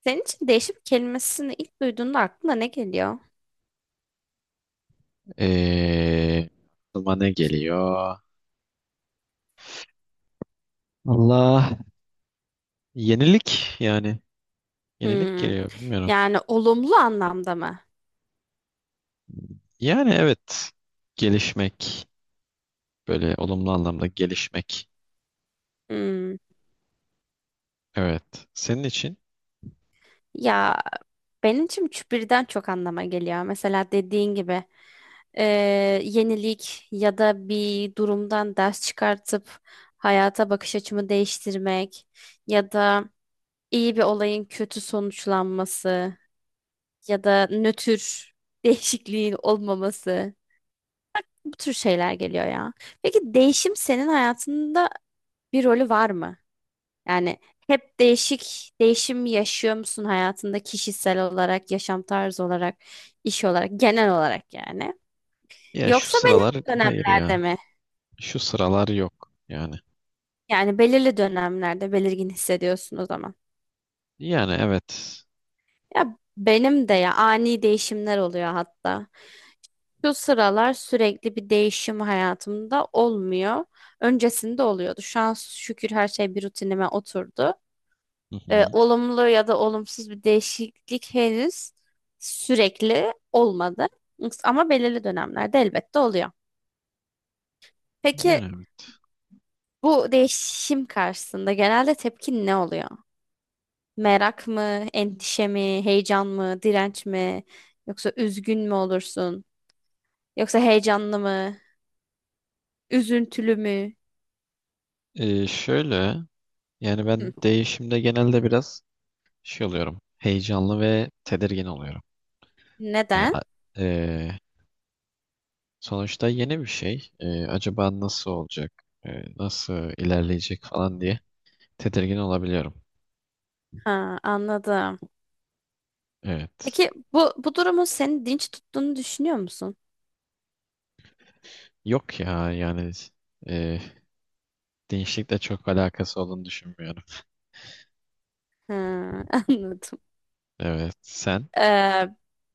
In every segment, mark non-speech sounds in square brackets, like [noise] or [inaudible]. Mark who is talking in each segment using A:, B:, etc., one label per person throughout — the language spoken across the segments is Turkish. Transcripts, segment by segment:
A: Senin için değişim kelimesini ilk duyduğunda aklına ne geliyor?
B: Ee, Aklıma ne geliyor? Allah, yenilik yani, yenilik
A: Hmm.
B: geliyor bilmiyorum.
A: Yani olumlu anlamda mı?
B: Yani evet, gelişmek, böyle olumlu anlamda gelişmek.
A: Hmm.
B: Evet, senin için
A: Ya benim için üç birden çok anlama geliyor. Mesela dediğin gibi eee, yenilik ya da bir durumdan ders çıkartıp hayata bakış açımı değiştirmek ya da iyi bir olayın kötü sonuçlanması ya da nötr [laughs] değişikliğin olmaması bu tür şeyler geliyor ya. Peki değişim senin hayatında bir rolü var mı? Yani hep değişim yaşıyor musun hayatında kişisel olarak, yaşam tarzı olarak, iş olarak, genel olarak yani?
B: ya şu
A: Yoksa
B: sıralar,
A: belirli
B: hayır
A: dönemlerde
B: ya,
A: mi?
B: şu sıralar yok yani.
A: Yani belirli dönemlerde belirgin hissediyorsun o zaman.
B: Yani evet.
A: Ya benim de ya ani değişimler oluyor hatta. Şu sıralar sürekli bir değişim hayatımda olmuyor. Öncesinde oluyordu. Şu an şükür her şey bir rutinime oturdu.
B: Hı hı.
A: Olumlu ya da olumsuz bir değişiklik henüz sürekli olmadı. Ama belirli dönemlerde elbette oluyor. Peki
B: Yani evet.
A: bu değişim karşısında genelde tepkin ne oluyor? Merak mı, endişe mi, heyecan mı, direnç mi? Yoksa üzgün mü olursun? Yoksa heyecanlı mı, üzüntülü mü?
B: Şöyle yani,
A: Hı.
B: ben değişimde genelde biraz şey oluyorum, heyecanlı ve tedirgin oluyorum. Yani
A: Neden?
B: sonuçta yeni bir şey. Acaba nasıl olacak? Nasıl ilerleyecek falan diye tedirgin olabiliyorum.
A: Ha, anladım.
B: Evet.
A: Peki bu durumun seni dinç tuttuğunu düşünüyor musun?
B: Yok ya yani, e, değişiklikle çok alakası olduğunu düşünmüyorum.
A: Ha, [laughs] anladım.
B: Evet. Sen?
A: Ee,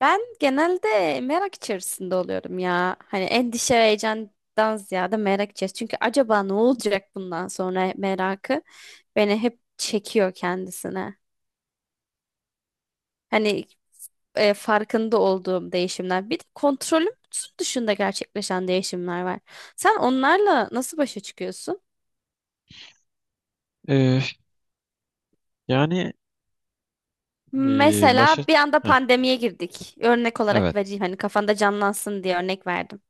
A: Ben genelde merak içerisinde oluyorum ya. Hani endişe ve heyecandan ziyade merak içerisinde. Çünkü acaba ne olacak bundan sonra merakı beni hep çekiyor kendisine. Hani farkında olduğum değişimler. Bir de kontrolüm dışında gerçekleşen değişimler var. Sen onlarla nasıl başa çıkıyorsun?
B: Ee, yani başa...
A: Mesela bir anda
B: Heh,
A: pandemiye girdik. Örnek olarak
B: evet.
A: vereyim hani kafanda canlansın diye örnek verdim.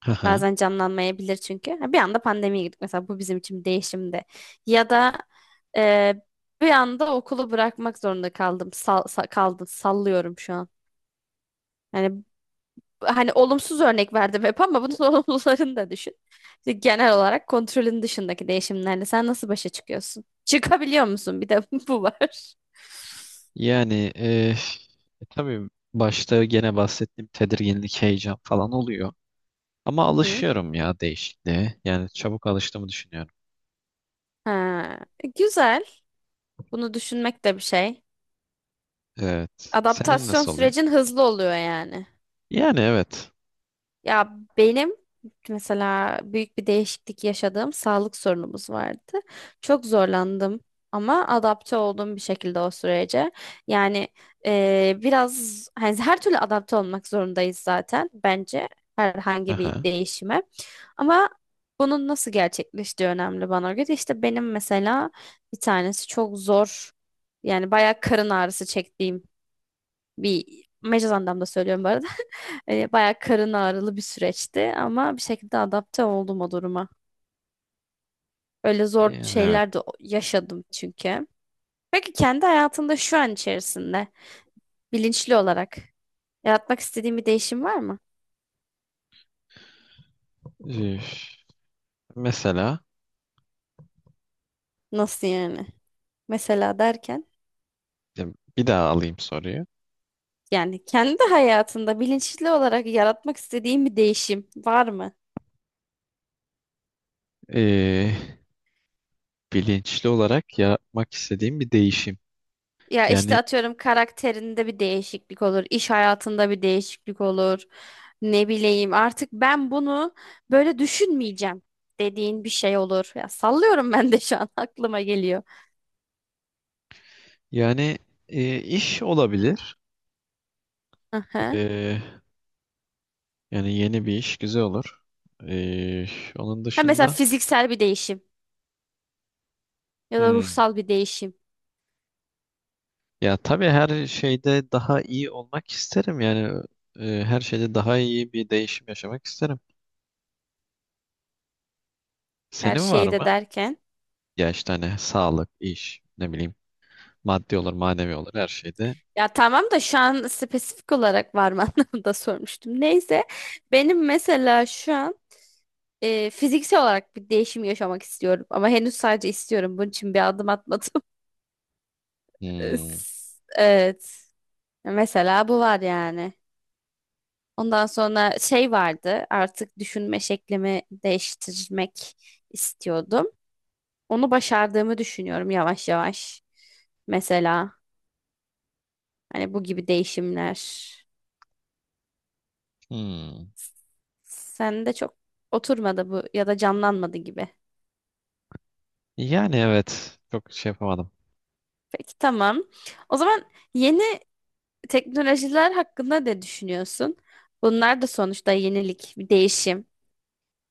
B: Haha.
A: Bazen canlanmayabilir çünkü. Ha, bir anda pandemiye girdik mesela, bu bizim için bir değişimdi. Ya da e, bir anda okulu bırakmak zorunda kaldım. Sallıyorum şu an. Yani hani olumsuz örnek verdim hep ama bunun [laughs] olumlularını da düşün. İşte genel olarak kontrolün dışındaki değişimlerle sen nasıl başa çıkıyorsun? Çıkabiliyor musun? Bir de [laughs] bu var.
B: Yani tabii başta gene bahsettiğim tedirginlik, heyecan falan oluyor. Ama
A: Hı hı.
B: alışıyorum ya değişikliğe. Yani çabuk alıştığımı düşünüyorum.
A: Ha, güzel. Bunu düşünmek de bir şey.
B: Evet. Senin
A: Adaptasyon
B: nasıl oluyor?
A: sürecin hızlı oluyor yani.
B: Yani evet.
A: Ya benim mesela büyük bir değişiklik yaşadığım sağlık sorunumuz vardı. Çok zorlandım ama adapte oldum bir şekilde o sürece. Yani biraz hani her türlü adapte olmak zorundayız zaten bence herhangi bir
B: Aha.
A: değişime. Ama bunun nasıl gerçekleştiği önemli bana göre. İşte benim mesela bir tanesi çok zor, yani bayağı karın ağrısı çektiğim, bir mecaz anlamda söylüyorum bu arada. Bayağı karın ağrılı bir süreçti ama bir şekilde adapte oldum o duruma. Öyle zor
B: Yani evet.
A: şeyler de yaşadım çünkü. Peki kendi hayatında şu an içerisinde bilinçli olarak yaratmak istediğin bir değişim var mı?
B: Üf. Mesela
A: Nasıl yani? Mesela derken,
B: ya, bir daha alayım soruyu.
A: yani kendi hayatında bilinçli olarak yaratmak istediğin bir değişim var mı?
B: Ee, Bilinçli olarak yapmak istediğim bir değişim.
A: Ya işte
B: Yani
A: atıyorum karakterinde bir değişiklik olur, iş hayatında bir değişiklik olur. Ne bileyim artık ben bunu böyle düşünmeyeceğim dediğin bir şey olur. Ya sallıyorum [laughs] ben de şu an [laughs] aklıma geliyor.
B: yani iş olabilir.
A: Aha.
B: Ee, Yani yeni bir iş güzel olur. Ee, Onun
A: Ha mesela
B: dışında
A: fiziksel bir değişim ya da
B: hmm,
A: ruhsal bir değişim,
B: ya tabii her şeyde daha iyi olmak isterim. Yani her şeyde daha iyi bir değişim yaşamak isterim.
A: her
B: Senin var
A: şeyi de
B: mı?
A: derken.
B: Ya işte hani sağlık, iş, ne bileyim, maddi olur, manevi olur her şeyde.
A: Ya tamam da şu an spesifik olarak var mı [laughs] anlamında sormuştum. Neyse, benim mesela şu an fiziksel olarak bir değişim yaşamak istiyorum ama henüz sadece istiyorum. Bunun için bir adım atmadım. Üf.
B: Hmm,
A: Evet. Mesela bu var yani. Ondan sonra şey vardı. Artık düşünme şeklimi değiştirmek istiyordum. Onu başardığımı düşünüyorum yavaş yavaş. Mesela hani bu gibi değişimler.
B: hmm.
A: Sende çok oturmadı bu ya da canlanmadı gibi.
B: Yani evet. Çok şey yapamadım.
A: Peki tamam. O zaman yeni teknolojiler hakkında ne düşünüyorsun? Bunlar da sonuçta yenilik, bir değişim.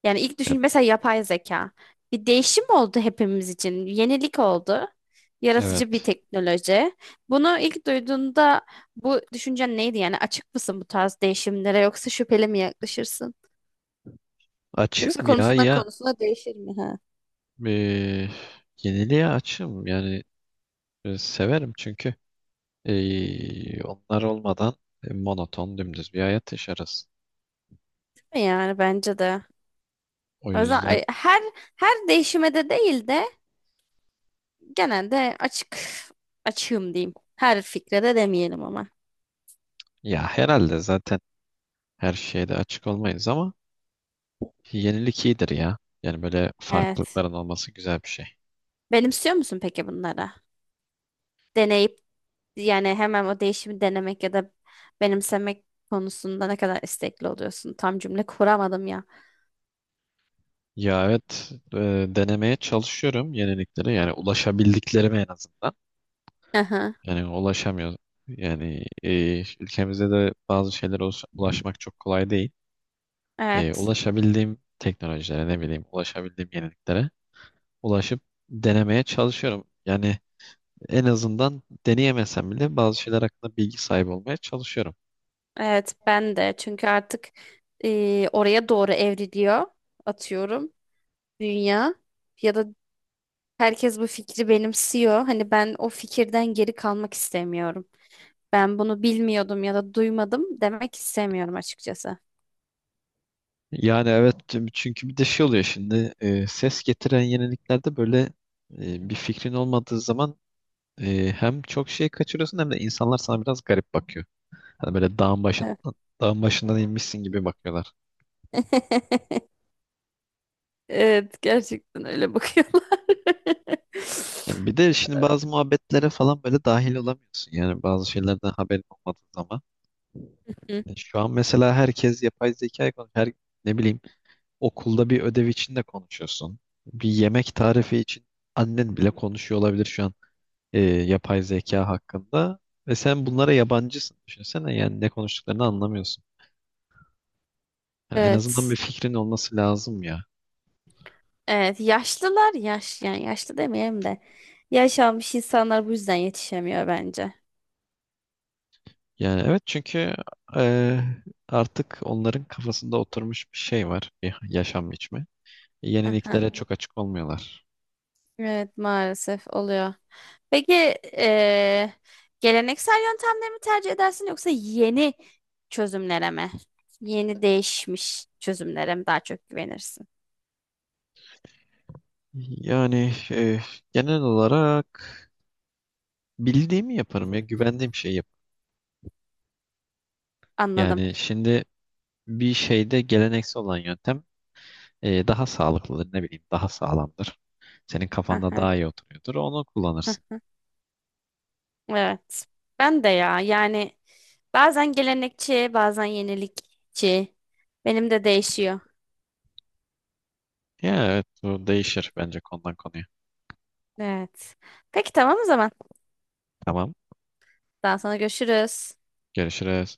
A: Yani ilk
B: Evet.
A: düşün mesela yapay zeka. Bir değişim oldu hepimiz için. Yenilik oldu. Yaratıcı bir
B: Evet.
A: teknoloji. Bunu ilk duyduğunda bu düşüncen neydi? Yani açık mısın bu tarz değişimlere, yoksa şüpheli mi yaklaşırsın?
B: Açığım
A: Yoksa
B: ya
A: konusundan
B: ya,
A: konusuna değişir mi? Ha?
B: e, yeniliğe açığım. Yani severim çünkü onlar olmadan monoton dümdüz bir hayat yaşarız.
A: Değil mi? Yani bence de.
B: O
A: O yüzden
B: yüzden
A: her değişime de değil de genelde açığım diyeyim. Her fikre de demeyelim ama.
B: ya herhalde zaten her şeyde açık olmayız ama yenilik iyidir ya. Yani böyle
A: Evet.
B: farklılıkların olması güzel bir şey.
A: Benimsiyor musun peki bunları? Deneyip, yani hemen o değişimi denemek ya da benimsemek konusunda ne kadar istekli oluyorsun? Tam cümle kuramadım ya.
B: Ya evet, denemeye çalışıyorum yeniliklere, yani ulaşabildiklerime en azından.
A: Aha,
B: Yani ulaşamıyor. Yani ülkemizde de bazı şeylere ulaşmak çok kolay değil.
A: evet.
B: Ulaşabildiğim teknolojilere, ne bileyim ulaşabildiğim yeniliklere ulaşıp denemeye çalışıyorum. Yani en azından deneyemesem bile bazı şeyler hakkında bilgi sahibi olmaya çalışıyorum.
A: Evet ben de, çünkü artık oraya doğru evriliyor atıyorum dünya ya da herkes bu fikri benimsiyor. Hani ben o fikirden geri kalmak istemiyorum. Ben bunu bilmiyordum ya da duymadım demek istemiyorum açıkçası.
B: Yani evet, çünkü bir de şey oluyor şimdi, ses getiren yeniliklerde böyle bir fikrin olmadığı zaman hem çok şey kaçırıyorsun hem de insanlar sana biraz garip bakıyor. Hani böyle dağın
A: Evet.
B: başından, dağın başından inmişsin gibi bakıyorlar.
A: [laughs] Evet, gerçekten öyle bakıyorlar.
B: Yani bir de şimdi
A: [laughs]
B: bazı muhabbetlere falan böyle dahil olamıyorsun. Yani bazı şeylerden haberin olmadığı zaman.
A: Hı.
B: Yani şu an mesela herkes yapay zekayı konuşuyor. Her, ne bileyim, okulda bir ödev için de konuşuyorsun. Bir yemek tarifi için annen bile konuşuyor olabilir şu an yapay zeka hakkında. Ve sen bunlara yabancısın. Düşünsene yani, ne konuştuklarını anlamıyorsun. Yani en azından bir
A: Evet.
B: fikrin olması lazım ya.
A: Evet, yaşlılar, yani yaşlı demeyelim de yaş almış insanlar bu yüzden yetişemiyor bence.
B: Yani evet, çünkü e, artık onların kafasında oturmuş bir şey var, bir yaşam biçimi. Yeniliklere
A: [laughs]
B: çok açık olmuyorlar.
A: Evet, maalesef oluyor. Peki eee, geleneksel yöntemleri mi tercih edersin yoksa yeni çözümlere mi? Yeni değişmiş çözümlere mi daha çok güvenirsin?
B: Yani genel olarak bildiğimi yaparım ya, güvendiğim şeyi yap.
A: Anladım.
B: Yani şimdi bir şeyde geleneksel olan yöntem daha sağlıklıdır, ne bileyim daha sağlamdır. Senin kafanda
A: Aha,
B: daha iyi oturuyordur, onu kullanırsın.
A: aha. Evet. Ben de ya, yani bazen gelenekçi bazen yenilikçi. Benim de değişiyor.
B: Ya evet, bu değişir bence konudan konuya.
A: Evet. Peki tamam o zaman.
B: Tamam,
A: Daha sonra görüşürüz.
B: görüşürüz.